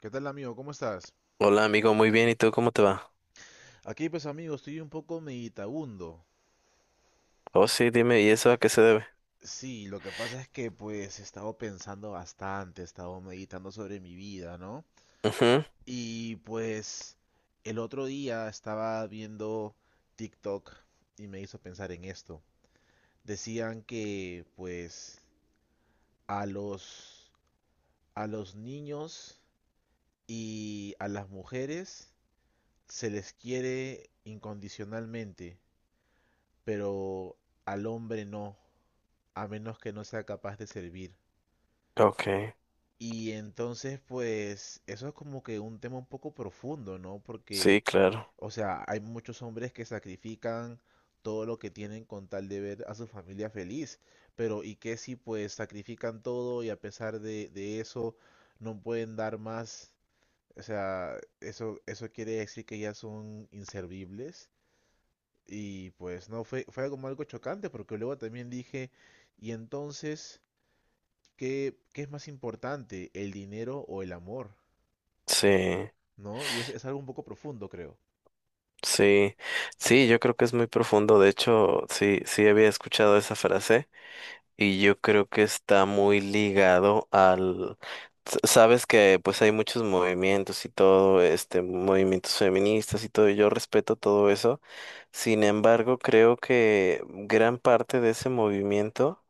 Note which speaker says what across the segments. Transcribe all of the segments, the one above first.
Speaker 1: ¿Qué tal, amigo? ¿Cómo estás?
Speaker 2: Hola amigo, muy bien, ¿y tú cómo te va?
Speaker 1: Aquí pues, amigo, estoy un poco meditabundo.
Speaker 2: Oh, sí, dime, ¿y eso a qué se debe?
Speaker 1: Sí, lo que pasa es que pues he estado pensando bastante, he estado meditando sobre mi vida, ¿no?
Speaker 2: Ujú.
Speaker 1: Y pues el otro día estaba viendo TikTok y me hizo pensar en esto. Decían que pues a los a los niños y a las mujeres se les quiere incondicionalmente, pero al hombre no, a menos que no sea capaz de servir.
Speaker 2: Ok,
Speaker 1: Y entonces, pues, eso es como que un tema un poco profundo, ¿no? Porque,
Speaker 2: sí, claro,
Speaker 1: o sea, hay muchos hombres que sacrifican todo lo que tienen con tal de ver a su familia feliz, pero ¿y qué si pues sacrifican todo y a pesar de eso no pueden dar más? O sea, eso quiere decir que ya son inservibles. Y pues no, fue como algo chocante, porque luego también dije, y entonces, ¿Qué es más importante, el dinero o el amor?
Speaker 2: sí,
Speaker 1: ¿No? Y es algo un poco profundo, creo.
Speaker 2: sí, sí, yo creo que es muy profundo, de hecho, sí, sí había escuchado esa frase y yo creo que está muy ligado al, sabes que pues hay muchos movimientos y todo, movimientos feministas y todo, y yo respeto todo eso, sin embargo, creo que gran parte de ese movimiento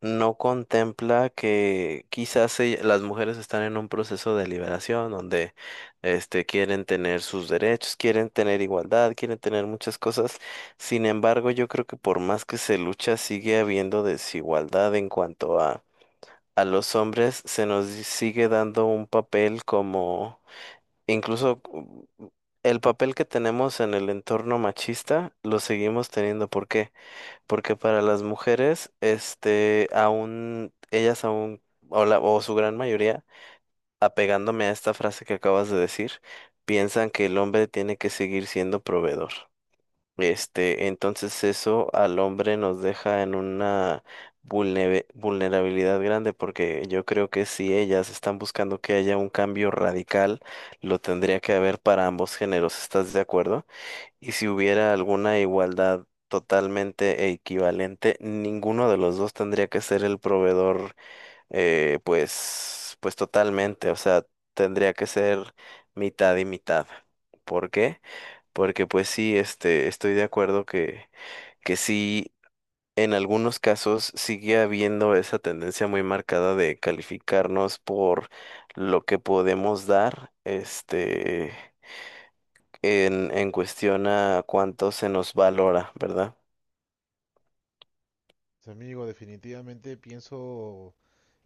Speaker 2: no contempla que quizás las mujeres están en un proceso de liberación donde quieren tener sus derechos, quieren tener igualdad, quieren tener muchas cosas. Sin embargo, yo creo que por más que se lucha, sigue habiendo desigualdad en cuanto a los hombres. Se nos sigue dando un papel como incluso... mm, el papel que tenemos en el entorno machista lo seguimos teniendo. ¿Por qué? Porque para las mujeres, aún, ellas aún, o, o su gran mayoría, apegándome a esta frase que acabas de decir, piensan que el hombre tiene que seguir siendo proveedor. Entonces eso al hombre nos deja en una vulnerabilidad grande, porque yo creo que si ellas están buscando que haya un cambio radical, lo tendría que haber para ambos géneros. ¿Estás de acuerdo? Y si hubiera alguna igualdad totalmente equivalente, ninguno de los dos tendría que ser el proveedor, pues, pues totalmente, o sea, tendría que ser mitad y mitad. ¿Por qué? Porque pues sí, estoy de acuerdo que sí, en algunos casos sigue habiendo esa tendencia muy marcada de calificarnos por lo que podemos dar, en cuestión a cuánto se nos valora, ¿verdad?
Speaker 1: Pues, amigo, definitivamente pienso,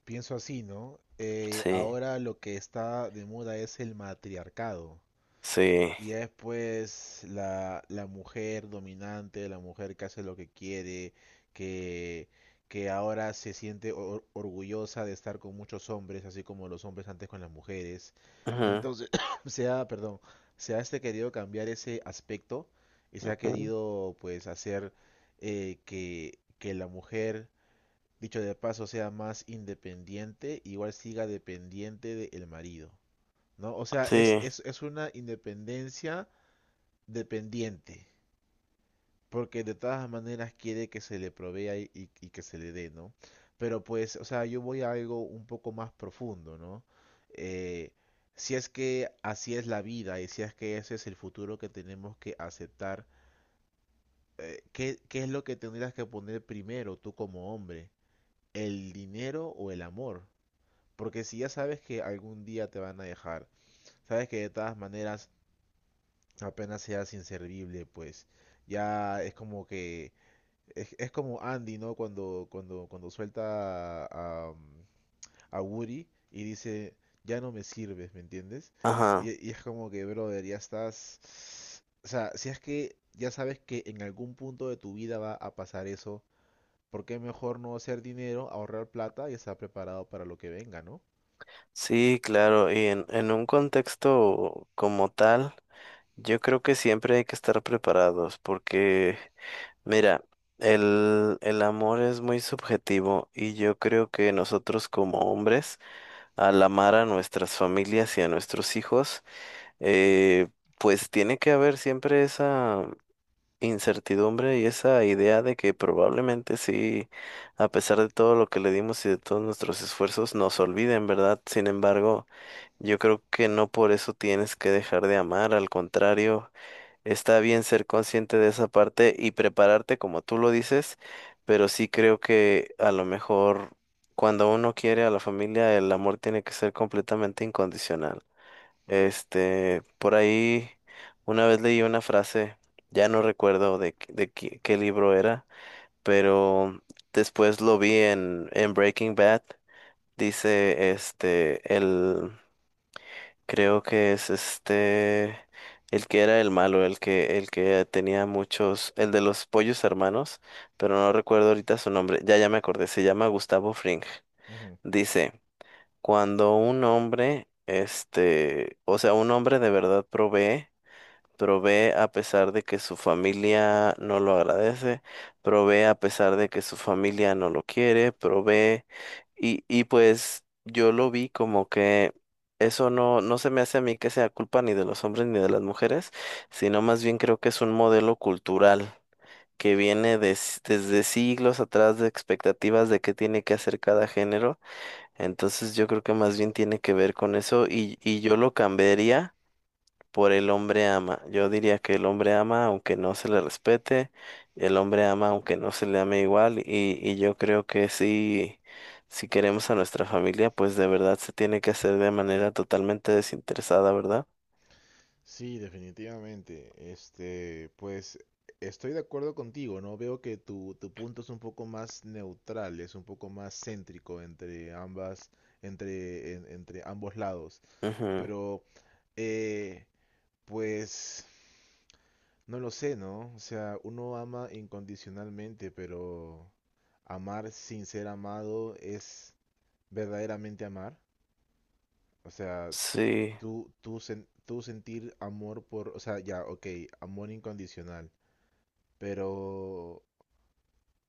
Speaker 1: pienso así, ¿no?
Speaker 2: Sí,
Speaker 1: Ahora lo que está de moda es el matriarcado.
Speaker 2: sí.
Speaker 1: Y ya después la mujer dominante, la mujer que hace lo que quiere, que, que ahora se siente orgullosa de estar con muchos hombres, así como los hombres antes con las mujeres.
Speaker 2: Ujú,
Speaker 1: Entonces, perdón, se ha, este, querido cambiar ese aspecto y se ha
Speaker 2: ujú.
Speaker 1: querido pues hacer, que la mujer, dicho de paso, sea más independiente, igual siga dependiente del marido, ¿no? O sea, es,
Speaker 2: Sí,
Speaker 1: es, es una independencia dependiente, porque de todas maneras quiere que se le provea y que se le dé, ¿no? Pero pues, o sea, yo voy a algo un poco más profundo, ¿no? Eh, si es que así es la vida y si es que ese es el futuro que tenemos que aceptar, ¿qué, qué es lo que tendrías que poner primero tú como hombre? ¿El dinero o el amor? Porque si ya sabes que algún día te van a dejar, sabes que de todas maneras apenas seas inservible, pues ya es como que... es como Andy, ¿no? Cuando suelta a Woody y dice, ya no me sirves, ¿me entiendes?
Speaker 2: ajá.
Speaker 1: Y es como que, brother, ya estás... O sea, si es que ya sabes que en algún punto de tu vida va a pasar eso, ¿por qué mejor no hacer dinero, ahorrar plata y estar preparado para lo que venga, ¿no?
Speaker 2: Sí, claro. Y en un contexto como tal, yo creo que siempre hay que estar preparados porque, mira, el amor es muy subjetivo y yo creo que nosotros como hombres, al amar a nuestras familias y a nuestros hijos, eh, pues tiene que haber siempre esa... incertidumbre y esa idea de que probablemente sí, a pesar de todo lo que le dimos y de todos nuestros esfuerzos, nos olviden, ¿verdad? Sin embargo, yo creo que no por eso tienes que dejar de amar, al contrario, está bien ser consciente de esa parte y prepararte como tú lo dices, pero sí creo que a lo mejor cuando uno quiere a la familia, el amor tiene que ser completamente incondicional. Por ahí una vez leí una frase, ya no recuerdo de, de qué, qué libro era, pero después lo vi en Breaking Bad. Dice, el, creo que es el que era el malo, el que tenía muchos, el de los pollos hermanos, pero no recuerdo ahorita su nombre, ya, ya me acordé, se llama Gustavo Fring. Dice, cuando un hombre, o sea, un hombre de verdad provee, provee a pesar de que su familia no lo agradece, provee a pesar de que su familia no lo quiere, provee y pues yo lo vi como que eso no, no se me hace a mí que sea culpa ni de los hombres ni de las mujeres, sino más bien creo que es un modelo cultural que viene desde siglos atrás de expectativas de qué tiene que hacer cada género. Entonces yo creo que más bien tiene que ver con eso y yo lo cambiaría por el hombre ama. Yo diría que el hombre ama aunque no se le respete, el hombre ama aunque no se le ame igual y yo creo que sí, si queremos a nuestra familia, pues de verdad se tiene que hacer de manera totalmente desinteresada, ¿verdad?
Speaker 1: Sí, definitivamente. Este, pues estoy de acuerdo contigo, ¿no? Veo que tu punto es un poco más neutral, es un poco más céntrico entre ambas, entre ambos lados.
Speaker 2: Ujú.
Speaker 1: Pero, eh, pues, no lo sé, ¿no? O sea, uno ama incondicionalmente, pero amar sin ser amado es verdaderamente amar. O sea, tú,
Speaker 2: Sí.
Speaker 1: tú, tú, sen- tú sentir amor por, o sea, ya, ok, amor incondicional, pero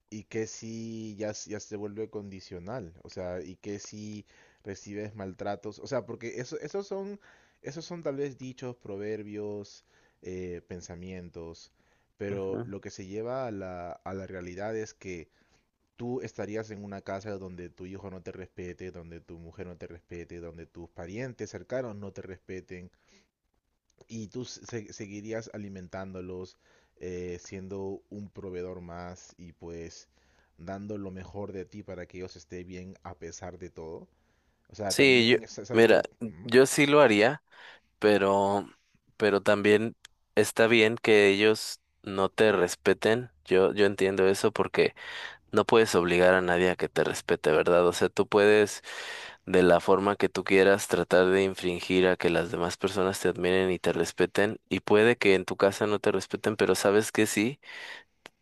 Speaker 1: ¿y qué si ya, ya se vuelve condicional? O sea, ¿y qué si recibes maltratos? O sea, porque eso, esos son, tal vez dichos, proverbios, pensamientos, pero
Speaker 2: Ujú.
Speaker 1: lo que se lleva a la realidad es que tú estarías en una casa donde tu hijo no te respete, donde tu mujer no te respete, donde tus parientes cercanos no te respeten y tú seguirías alimentándolos, siendo un proveedor más y pues dando lo mejor de ti para que ellos estén bien a pesar de todo. O sea,
Speaker 2: Sí, yo,
Speaker 1: también es
Speaker 2: mira,
Speaker 1: algo... ¿Mm?
Speaker 2: yo sí lo haría, pero, pero también está bien que ellos no te respeten. Yo entiendo eso porque no puedes obligar a nadie a que te respete, ¿verdad? O sea, tú puedes, de la forma que tú quieras, tratar de infringir a que las demás personas te admiren y te respeten. Y puede que en tu casa no te respeten, pero sabes que sí,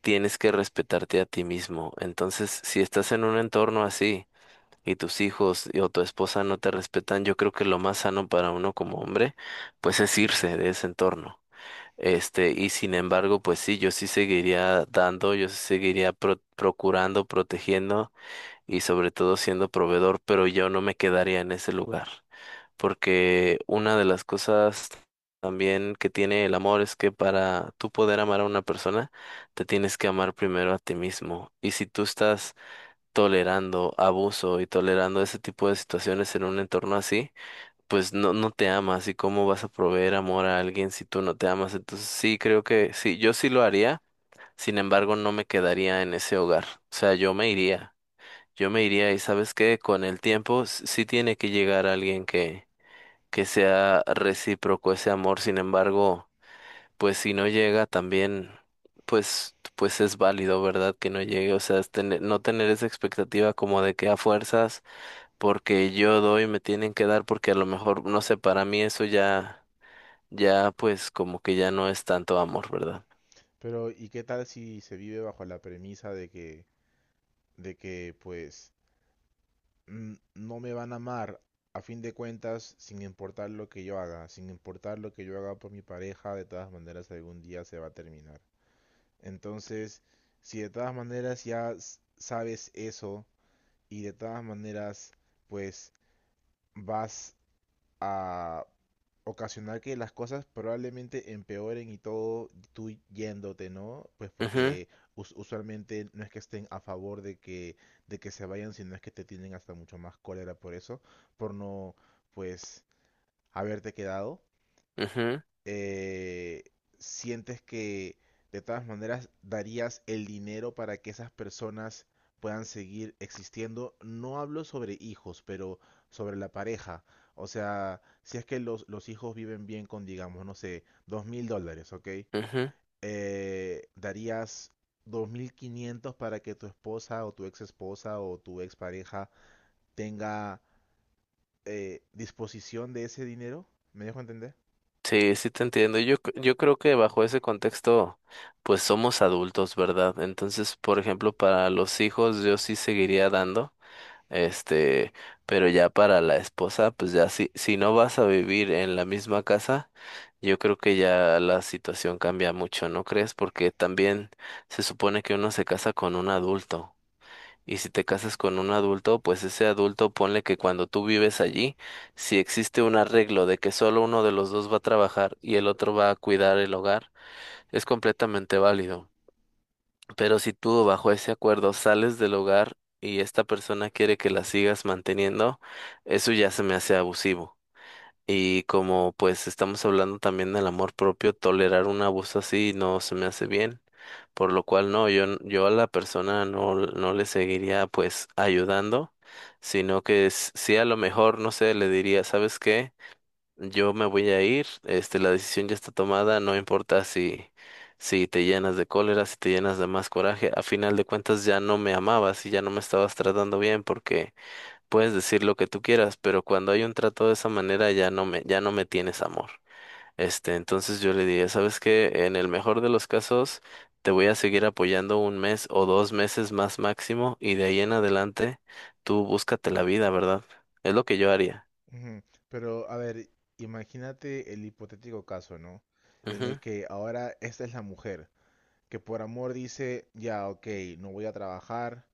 Speaker 2: tienes que respetarte a ti mismo. Entonces, si estás en un entorno así y tus hijos o tu esposa no te respetan, yo creo que lo más sano para uno como hombre, pues es irse de ese entorno. Y sin embargo, pues sí, yo sí seguiría dando, yo sí seguiría procurando, protegiendo y sobre todo siendo proveedor, pero yo no me quedaría en ese lugar, porque una de las cosas también que tiene el amor es que para tú poder amar a una persona, te tienes que amar primero a ti mismo. Y si tú estás tolerando abuso y tolerando ese tipo de situaciones en un entorno así, pues no, no te amas y cómo vas a proveer amor a alguien si tú no te amas. Entonces sí, creo que sí, yo sí lo haría, sin embargo no me quedaría en ese hogar, o sea, yo me iría. Yo me iría y sabes que con el tiempo sí tiene que llegar alguien que sea recíproco ese amor, sin embargo, pues si no llega también, pues, pues es válido, ¿verdad? Que no llegue, o sea, es no tener esa expectativa como de que a fuerzas, porque yo doy, me tienen que dar, porque a lo mejor, no sé, para mí eso ya, ya pues como que ya no es tanto amor, ¿verdad?
Speaker 1: Pero ¿y qué tal si se vive bajo la premisa de que pues no me van a amar? A fin de cuentas, sin importar lo que yo haga, sin importar lo que yo haga por mi pareja, de todas maneras algún día se va a terminar. Entonces, si de todas maneras ya sabes eso y de todas maneras pues vas a ocasionar que las cosas probablemente empeoren y todo tú yéndote, ¿no? Pues
Speaker 2: Ujú,
Speaker 1: porque usualmente no es que estén a favor de que se vayan, sino es que te tienen hasta mucho más cólera por eso, por no pues haberte quedado,
Speaker 2: ujú,
Speaker 1: eh, sientes que de todas maneras darías el dinero para que esas personas puedan seguir existiendo. No hablo sobre hijos, pero sobre la pareja. O sea, si es que los hijos viven bien con, digamos, no sé, 2000 dólares, ¿ok?
Speaker 2: ujú.
Speaker 1: Darías 2500 para que tu esposa o tu ex esposa o tu ex pareja tenga, disposición de ese dinero. ¿Me dejo entender?
Speaker 2: Sí, sí te entiendo. Yo, yo creo que bajo ese contexto, pues somos adultos, ¿verdad? Entonces, por ejemplo, para los hijos yo sí seguiría dando, este, pero ya para la esposa, pues ya si, si no vas a vivir en la misma casa, yo creo que ya la situación cambia mucho, ¿no crees? Porque también se supone que uno se casa con un adulto. Y si te casas con un adulto, pues ese adulto ponle que cuando tú vives allí, si existe un arreglo de que solo uno de los dos va a trabajar y el otro va a cuidar el hogar, es completamente válido. Pero si tú bajo ese acuerdo sales del hogar y esta persona quiere que la sigas manteniendo, eso ya se me hace abusivo. Y como pues estamos hablando también del amor propio, tolerar un abuso así no se me hace bien, por lo cual no, yo, yo a la persona no, no le seguiría pues ayudando, sino que sí a lo mejor, no sé, le diría, ¿sabes qué? Yo me voy a ir, la decisión ya está tomada, no importa si, si te llenas de cólera, si te llenas de más coraje, a final de cuentas ya no me amabas y ya no me estabas tratando bien porque puedes decir lo que tú quieras, pero cuando hay un trato de esa manera ya no me tienes amor. Entonces yo le diría, ¿sabes qué? En el mejor de los casos, te voy a seguir apoyando un mes o dos meses más máximo y de ahí en adelante tú búscate la vida, ¿verdad? Es lo que yo haría.
Speaker 1: Ujú. Pero, a ver, imagínate el hipotético caso, ¿no? En el
Speaker 2: Ujú,
Speaker 1: que ahora esta es la mujer, que por amor dice, ya, ok, no voy a trabajar,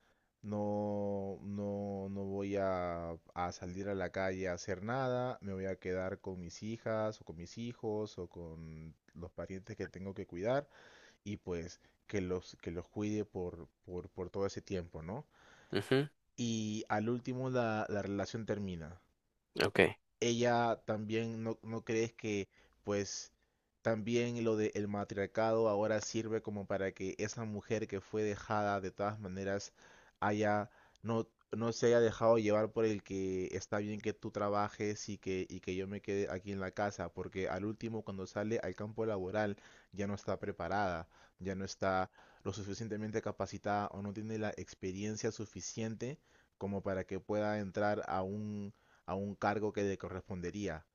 Speaker 1: no, no, no voy a salir a la calle a hacer nada, me voy a quedar con mis hijas o con mis hijos o con los parientes que tengo que cuidar y pues que los cuide por todo ese tiempo, ¿no?
Speaker 2: ujú,
Speaker 1: Y al último la relación termina,
Speaker 2: ok.
Speaker 1: ella también, no crees que pues también lo del matriarcado ahora sirve como para que esa mujer que fue dejada de todas maneras haya, no se haya dejado llevar por el que está bien que tú trabajes y que yo me quede aquí en la casa, porque al último cuando sale al campo laboral ya no está preparada, ya no está lo suficientemente capacitada o no tiene la experiencia suficiente como para que pueda entrar a un cargo que le correspondería,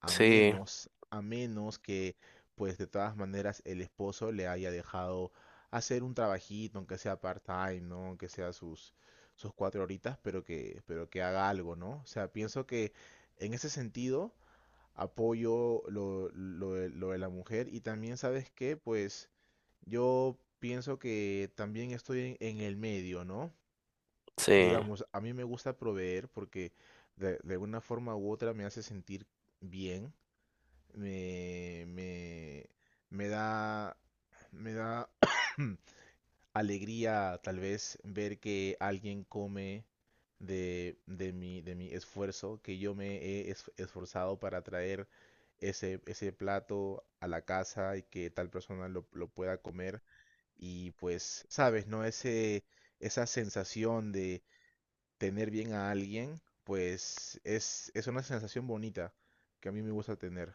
Speaker 1: a
Speaker 2: Sí,
Speaker 1: menos, a menos que, pues de todas maneras, el esposo le haya dejado hacer un trabajito, aunque sea part-time, ¿no? Aunque sea sus, cuatro horitas, pero que haga algo, ¿no? O sea, pienso que en ese sentido apoyo lo de la mujer y también, ¿sabes qué? Pues yo pienso que también estoy en el medio, ¿no?
Speaker 2: sí,
Speaker 1: Digamos, a mí me gusta proveer porque de una forma u otra me hace sentir bien, me, me, me da, me da alegría tal vez ver que alguien come de mi esfuerzo, que yo me he esforzado para traer ese, plato a la casa y que tal persona lo pueda comer. Y pues, sabes, ¿no? Ese, esa sensación de tener bien a alguien, pues es, una sensación bonita que a mí me gusta tener.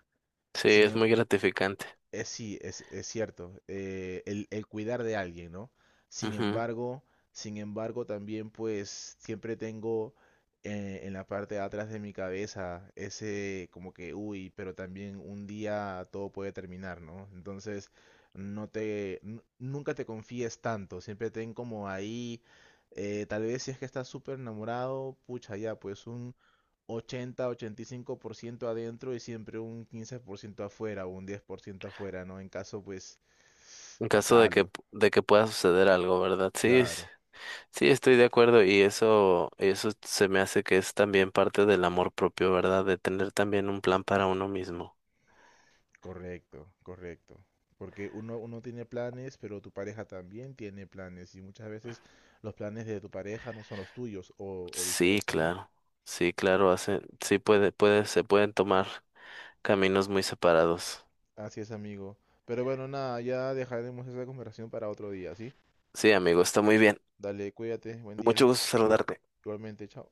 Speaker 2: sí,
Speaker 1: Sin,
Speaker 2: es
Speaker 1: em-
Speaker 2: muy gratificante.
Speaker 1: Eh, sí, es cierto, el cuidar de alguien, ¿no? Sin
Speaker 2: Ujú.
Speaker 1: embargo, sin embargo, también pues siempre tengo, en la parte de atrás de mi cabeza ese como que, uy, pero también un día todo puede terminar, ¿no? Entonces, nunca te confíes tanto, siempre ten como ahí, tal vez si es que estás súper enamorado, pucha, ya, pues 85% adentro y siempre un 15% afuera o un 10% afuera, ¿no? En caso, pues,
Speaker 2: En caso
Speaker 1: pasa algo.
Speaker 2: de que pueda suceder algo, ¿verdad? Sí, sí.
Speaker 1: Claro,
Speaker 2: Sí, estoy de acuerdo y eso se me hace que es también parte del amor propio, ¿verdad? De tener también un plan para uno mismo.
Speaker 1: correcto, correcto. Porque uno, uno tiene planes, pero tu pareja también tiene planes y muchas veces los planes de tu pareja no son los tuyos o
Speaker 2: Sí,
Speaker 1: viceversa, ¿no?
Speaker 2: claro. Sí, claro, hace, sí puede, puede, se pueden tomar caminos muy separados.
Speaker 1: Así es, amigo. Pero bueno, nada, ya dejaremos esa conversación para otro día, ¿sí?
Speaker 2: Sí, amigo, está muy bien.
Speaker 1: Dale, cuídate, buen día.
Speaker 2: Mucho gusto saludarte.
Speaker 1: Igualmente, chao.